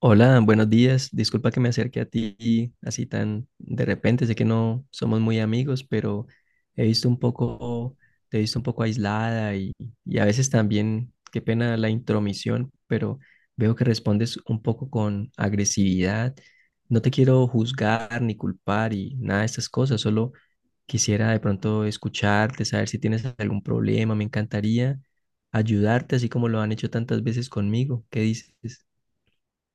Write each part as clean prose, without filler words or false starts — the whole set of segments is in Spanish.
Hola, buenos días. Disculpa que me acerque a ti así tan de repente. Sé que no somos muy amigos, pero he visto un poco, te he visto un poco aislada y a veces también, qué pena la intromisión, pero veo que respondes un poco con agresividad. No te quiero juzgar ni culpar y nada de estas cosas. Solo quisiera de pronto escucharte, saber si tienes algún problema. Me encantaría ayudarte, así como lo han hecho tantas veces conmigo. ¿Qué dices?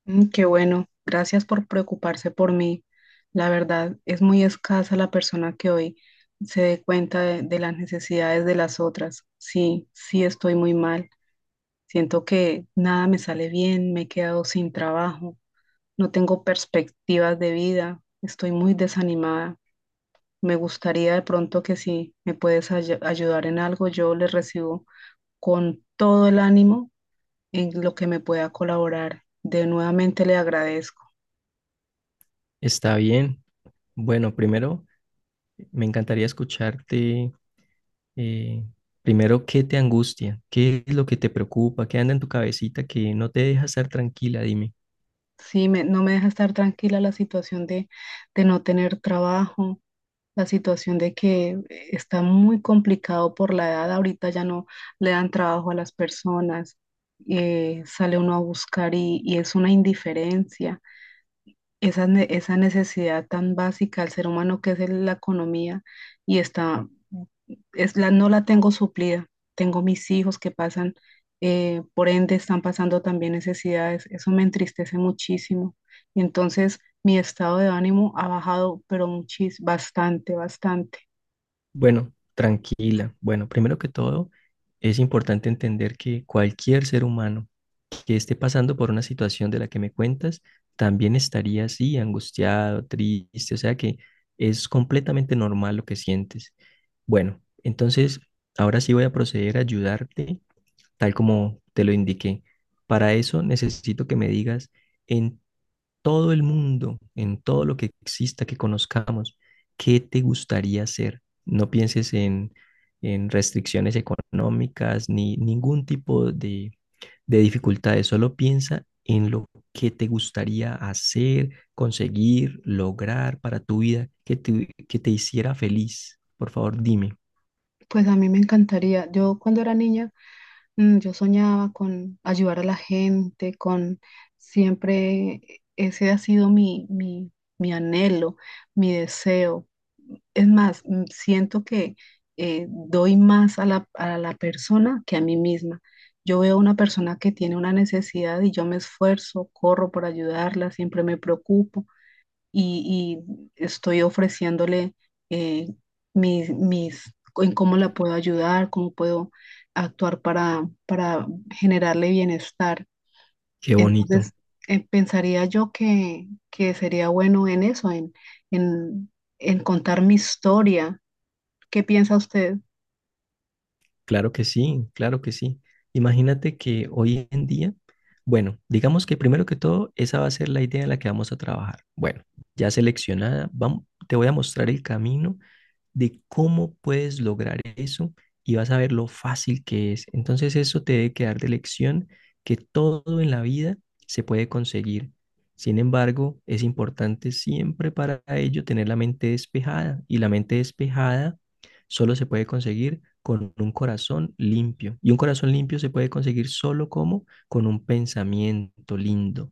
Qué bueno, gracias por preocuparse por mí. La verdad, es muy escasa la persona que hoy se dé cuenta de las necesidades de las otras. Sí, sí estoy muy mal. Siento que nada me sale bien, me he quedado sin trabajo, no tengo perspectivas de vida, estoy muy desanimada. Me gustaría de pronto que si me puedes ayudar en algo, yo les recibo con todo el ánimo en lo que me pueda colaborar. De nuevamente le agradezco. Está bien. Bueno, primero me encantaría escucharte, eh, primero, ¿qué te angustia? ¿Qué es lo que te preocupa? ¿Qué anda en tu cabecita que no te deja estar tranquila? Dime. Sí, no me deja estar tranquila la situación de no tener trabajo, la situación de que está muy complicado por la edad. Ahorita ya no le dan trabajo a las personas, sale uno a buscar y es una indiferencia esa, esa necesidad tan básica al ser humano que es la economía y es no la tengo suplida. Tengo mis hijos que pasan, por ende están pasando también necesidades. Eso me entristece muchísimo. Y entonces mi estado de ánimo ha bajado, pero bastante, bastante. Bueno, tranquila. Bueno, primero que todo, es importante entender que cualquier ser humano que esté pasando por una situación de la que me cuentas, también estaría así, angustiado, triste, o sea que es completamente normal lo que sientes. Bueno, entonces, ahora sí voy a proceder a ayudarte tal como te lo indiqué. Para eso necesito que me digas en todo el mundo, en todo lo que exista, que conozcamos, qué te gustaría hacer. No pienses en restricciones económicas ni ningún tipo de dificultades, solo piensa en lo que te gustaría hacer, conseguir, lograr para tu vida, que te hiciera feliz. Por favor, dime. Pues a mí me encantaría, yo cuando era niña... Yo soñaba con ayudar a la gente, con siempre ese ha sido mi mi anhelo, mi deseo. Es más, siento que doy más a a la persona que a mí misma. Yo veo una persona que tiene una necesidad y yo me esfuerzo, corro por ayudarla, siempre me preocupo y, y estoy ofreciéndole eh, mis, en cómo la puedo ayudar, cómo puedo actuar para generarle bienestar. Qué bonito. Entonces, pensaría yo que sería bueno en eso, en, en contar mi historia. ¿Qué piensa usted? Claro que sí, claro que sí. Imagínate que hoy en día, bueno, digamos que primero que todo, esa va a ser la idea en la que vamos a trabajar. Bueno, ya seleccionada, vamos, te voy a mostrar el camino de cómo puedes lograr eso y vas a ver lo fácil que es. Entonces eso te debe quedar de lección que todo en la vida se puede conseguir. Sin embargo, es importante siempre para ello tener la mente despejada, y la mente despejada solo se puede conseguir con un corazón limpio. Y un corazón limpio se puede conseguir solo como con un pensamiento lindo,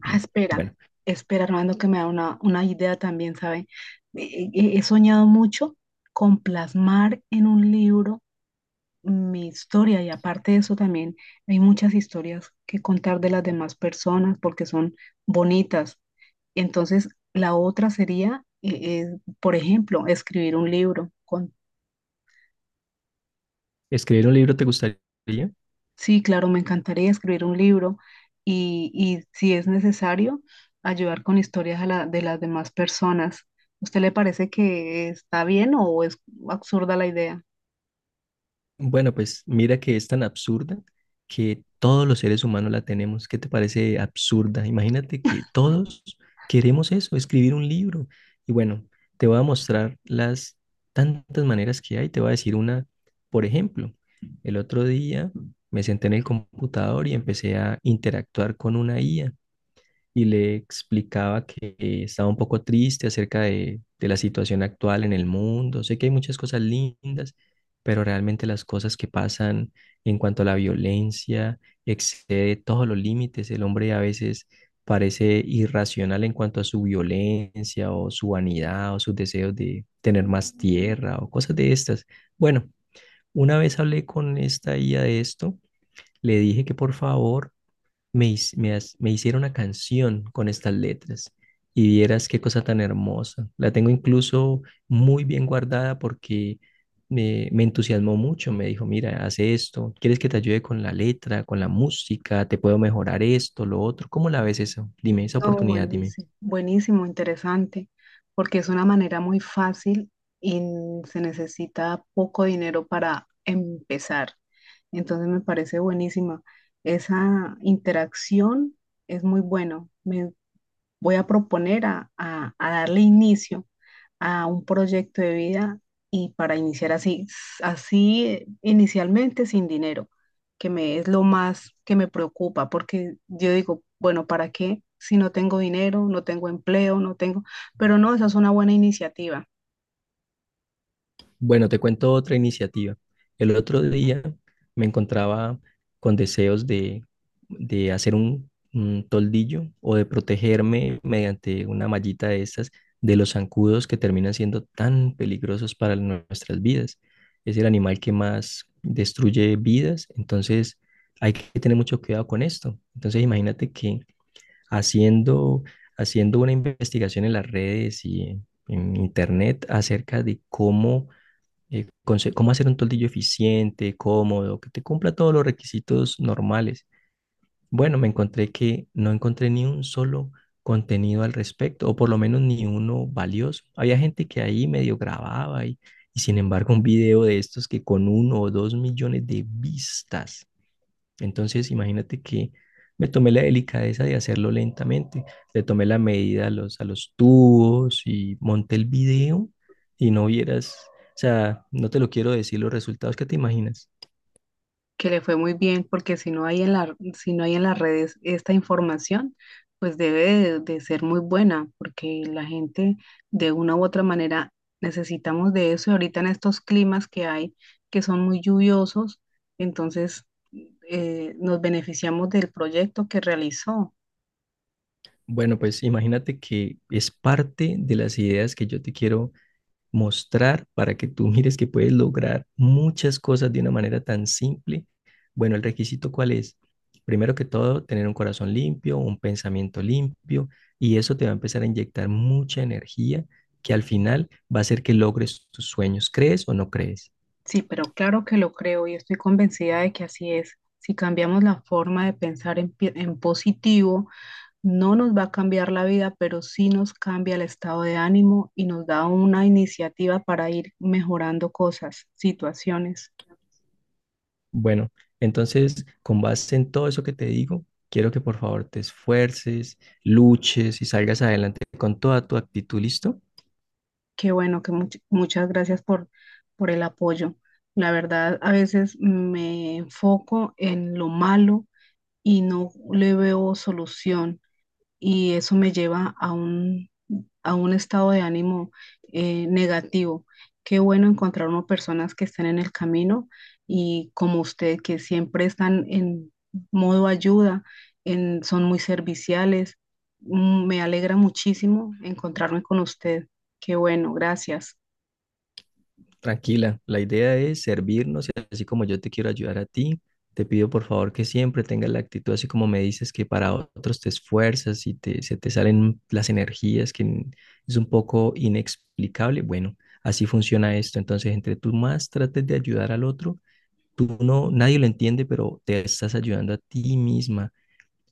Ah, espera, Bueno, espera, Armando, que me da una idea también, ¿sabe? He soñado mucho con plasmar en un libro mi historia y aparte de eso también hay muchas historias que contar de las demás personas porque son bonitas. Entonces, la otra sería, por ejemplo, escribir un libro. Con, escribir un libro te gustaría. sí, claro, me encantaría escribir un libro y si es necesario, ayudar con historias a de las demás personas. ¿Usted le parece que está bien o es absurda la idea? Bueno, pues mira que es tan absurda que todos los seres humanos la tenemos. ¿Qué te parece absurda? Imagínate que todos queremos eso, escribir un libro. Y bueno, te voy a mostrar las tantas maneras que hay. Te voy a decir una, por ejemplo, el otro día me senté en el computador y empecé a interactuar con una IA y le explicaba que estaba un poco triste acerca de la situación actual en el mundo. Sé que hay muchas cosas lindas, pero realmente las cosas que pasan en cuanto a la violencia excede todos los límites. El hombre a veces parece irracional en cuanto a su violencia o su vanidad o sus deseos de tener más tierra o cosas de estas. Bueno, una vez hablé con esta IA de esto, le dije que por favor me, his- me has- me hicieron una canción con estas letras y vieras qué cosa tan hermosa. La tengo incluso muy bien guardada porque me entusiasmó mucho. Me dijo, mira, hace esto, ¿quieres que te ayude con la letra, con la música? ¿Te puedo mejorar esto, lo otro? ¿Cómo la ves eso? Dime, esa No, oportunidad, dime. buenísimo, buenísimo, interesante, porque es una manera muy fácil y se necesita poco dinero para empezar. Entonces me parece buenísima. Esa interacción es muy bueno. Me voy a proponer a, a darle inicio a un proyecto de vida y para iniciar así, así inicialmente sin dinero, que me es lo más que me preocupa, porque yo digo, bueno, ¿para qué? Si no tengo dinero, no tengo empleo, no tengo, pero no, esa es una buena iniciativa. Bueno, te cuento otra iniciativa. El otro día me encontraba con deseos de hacer un toldillo o de protegerme mediante una mallita de estas, de los zancudos que terminan siendo tan peligrosos para nuestras vidas. Es el animal que más destruye vidas, entonces hay que tener mucho cuidado con esto. Entonces imagínate que haciendo, haciendo una investigación en las redes y en internet acerca de cómo cómo hacer un toldillo eficiente, cómodo, que te cumpla todos los requisitos normales. Bueno, me encontré que no encontré ni un solo contenido al respecto, o por lo menos ni uno valioso. Había gente que ahí medio grababa, y sin embargo un video de estos que con uno o dos millones de vistas. Entonces, imagínate que me tomé la delicadeza de hacerlo lentamente. Le tomé la medida a los tubos y monté el video y no vieras, o sea, no te lo quiero decir los resultados que te imaginas. Que le fue muy bien, porque si no hay en la, si no hay en las redes esta información, pues debe de ser muy buena, porque la gente de una u otra manera necesitamos de eso. Y ahorita en estos climas que hay, que son muy lluviosos, entonces nos beneficiamos del proyecto que realizó. Bueno, pues imagínate que es parte de las ideas que yo te quiero mostrar para que tú mires que puedes lograr muchas cosas de una manera tan simple. Bueno, el requisito ¿cuál es? Primero que todo, tener un corazón limpio, un pensamiento limpio, y eso te va a empezar a inyectar mucha energía que al final va a hacer que logres tus sueños. ¿Crees o no crees? Sí, pero claro que lo creo y estoy convencida de que así es. Si cambiamos la forma de pensar en positivo, no nos va a cambiar la vida, pero sí nos cambia el estado de ánimo y nos da una iniciativa para ir mejorando cosas, situaciones. Bueno, entonces, con base en todo eso que te digo, quiero que por favor te esfuerces, luches y salgas adelante con toda tu actitud, ¿listo? Qué bueno, que muchas gracias por el apoyo. La verdad, a veces me enfoco en lo malo y no le veo solución y eso me lleva a un estado de ánimo negativo. Qué bueno encontrar uno personas que estén en el camino y como usted, que siempre están en modo ayuda, son muy serviciales. Me alegra muchísimo encontrarme con usted. Qué bueno, gracias. Tranquila, la idea es servirnos, y así como yo te quiero ayudar a ti, te pido por favor que siempre tengas la actitud así como me dices que para otros te esfuerzas y te, se te salen las energías que n- es un poco inexplicable. Bueno, así funciona esto. Entonces, entre tú más trates de ayudar al otro, tú no, nadie lo entiende, pero te estás ayudando a ti misma,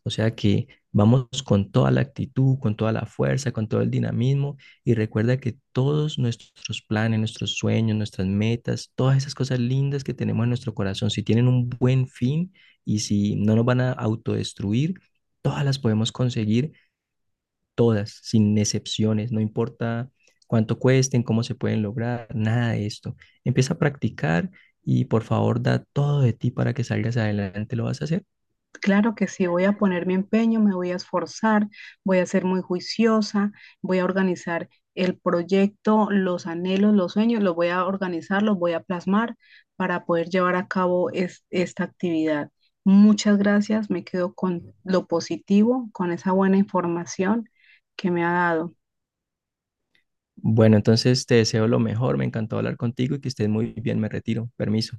o sea que vamos con toda la actitud, con toda la fuerza, con todo el dinamismo, y recuerda que todos nuestros planes, nuestros sueños, nuestras metas, todas esas cosas lindas que tenemos en nuestro corazón, si tienen un buen fin y si no nos van a autodestruir, todas las podemos conseguir, todas, sin excepciones, no importa cuánto cuesten, cómo se pueden lograr, nada de esto. Empieza a practicar y por favor da todo de ti para que salgas adelante, lo vas a hacer. Claro que sí, voy a poner mi empeño, me voy a esforzar, voy a ser muy juiciosa, voy a organizar el proyecto, los anhelos, los sueños, los voy a organizar, los voy a plasmar para poder llevar a cabo esta actividad. Muchas gracias, me quedo con lo positivo, con esa buena información que me ha dado. Bueno, entonces te deseo lo mejor, me encantó hablar contigo y que estés muy bien, me retiro, permiso.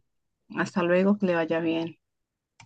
Hasta luego, que le vaya bien.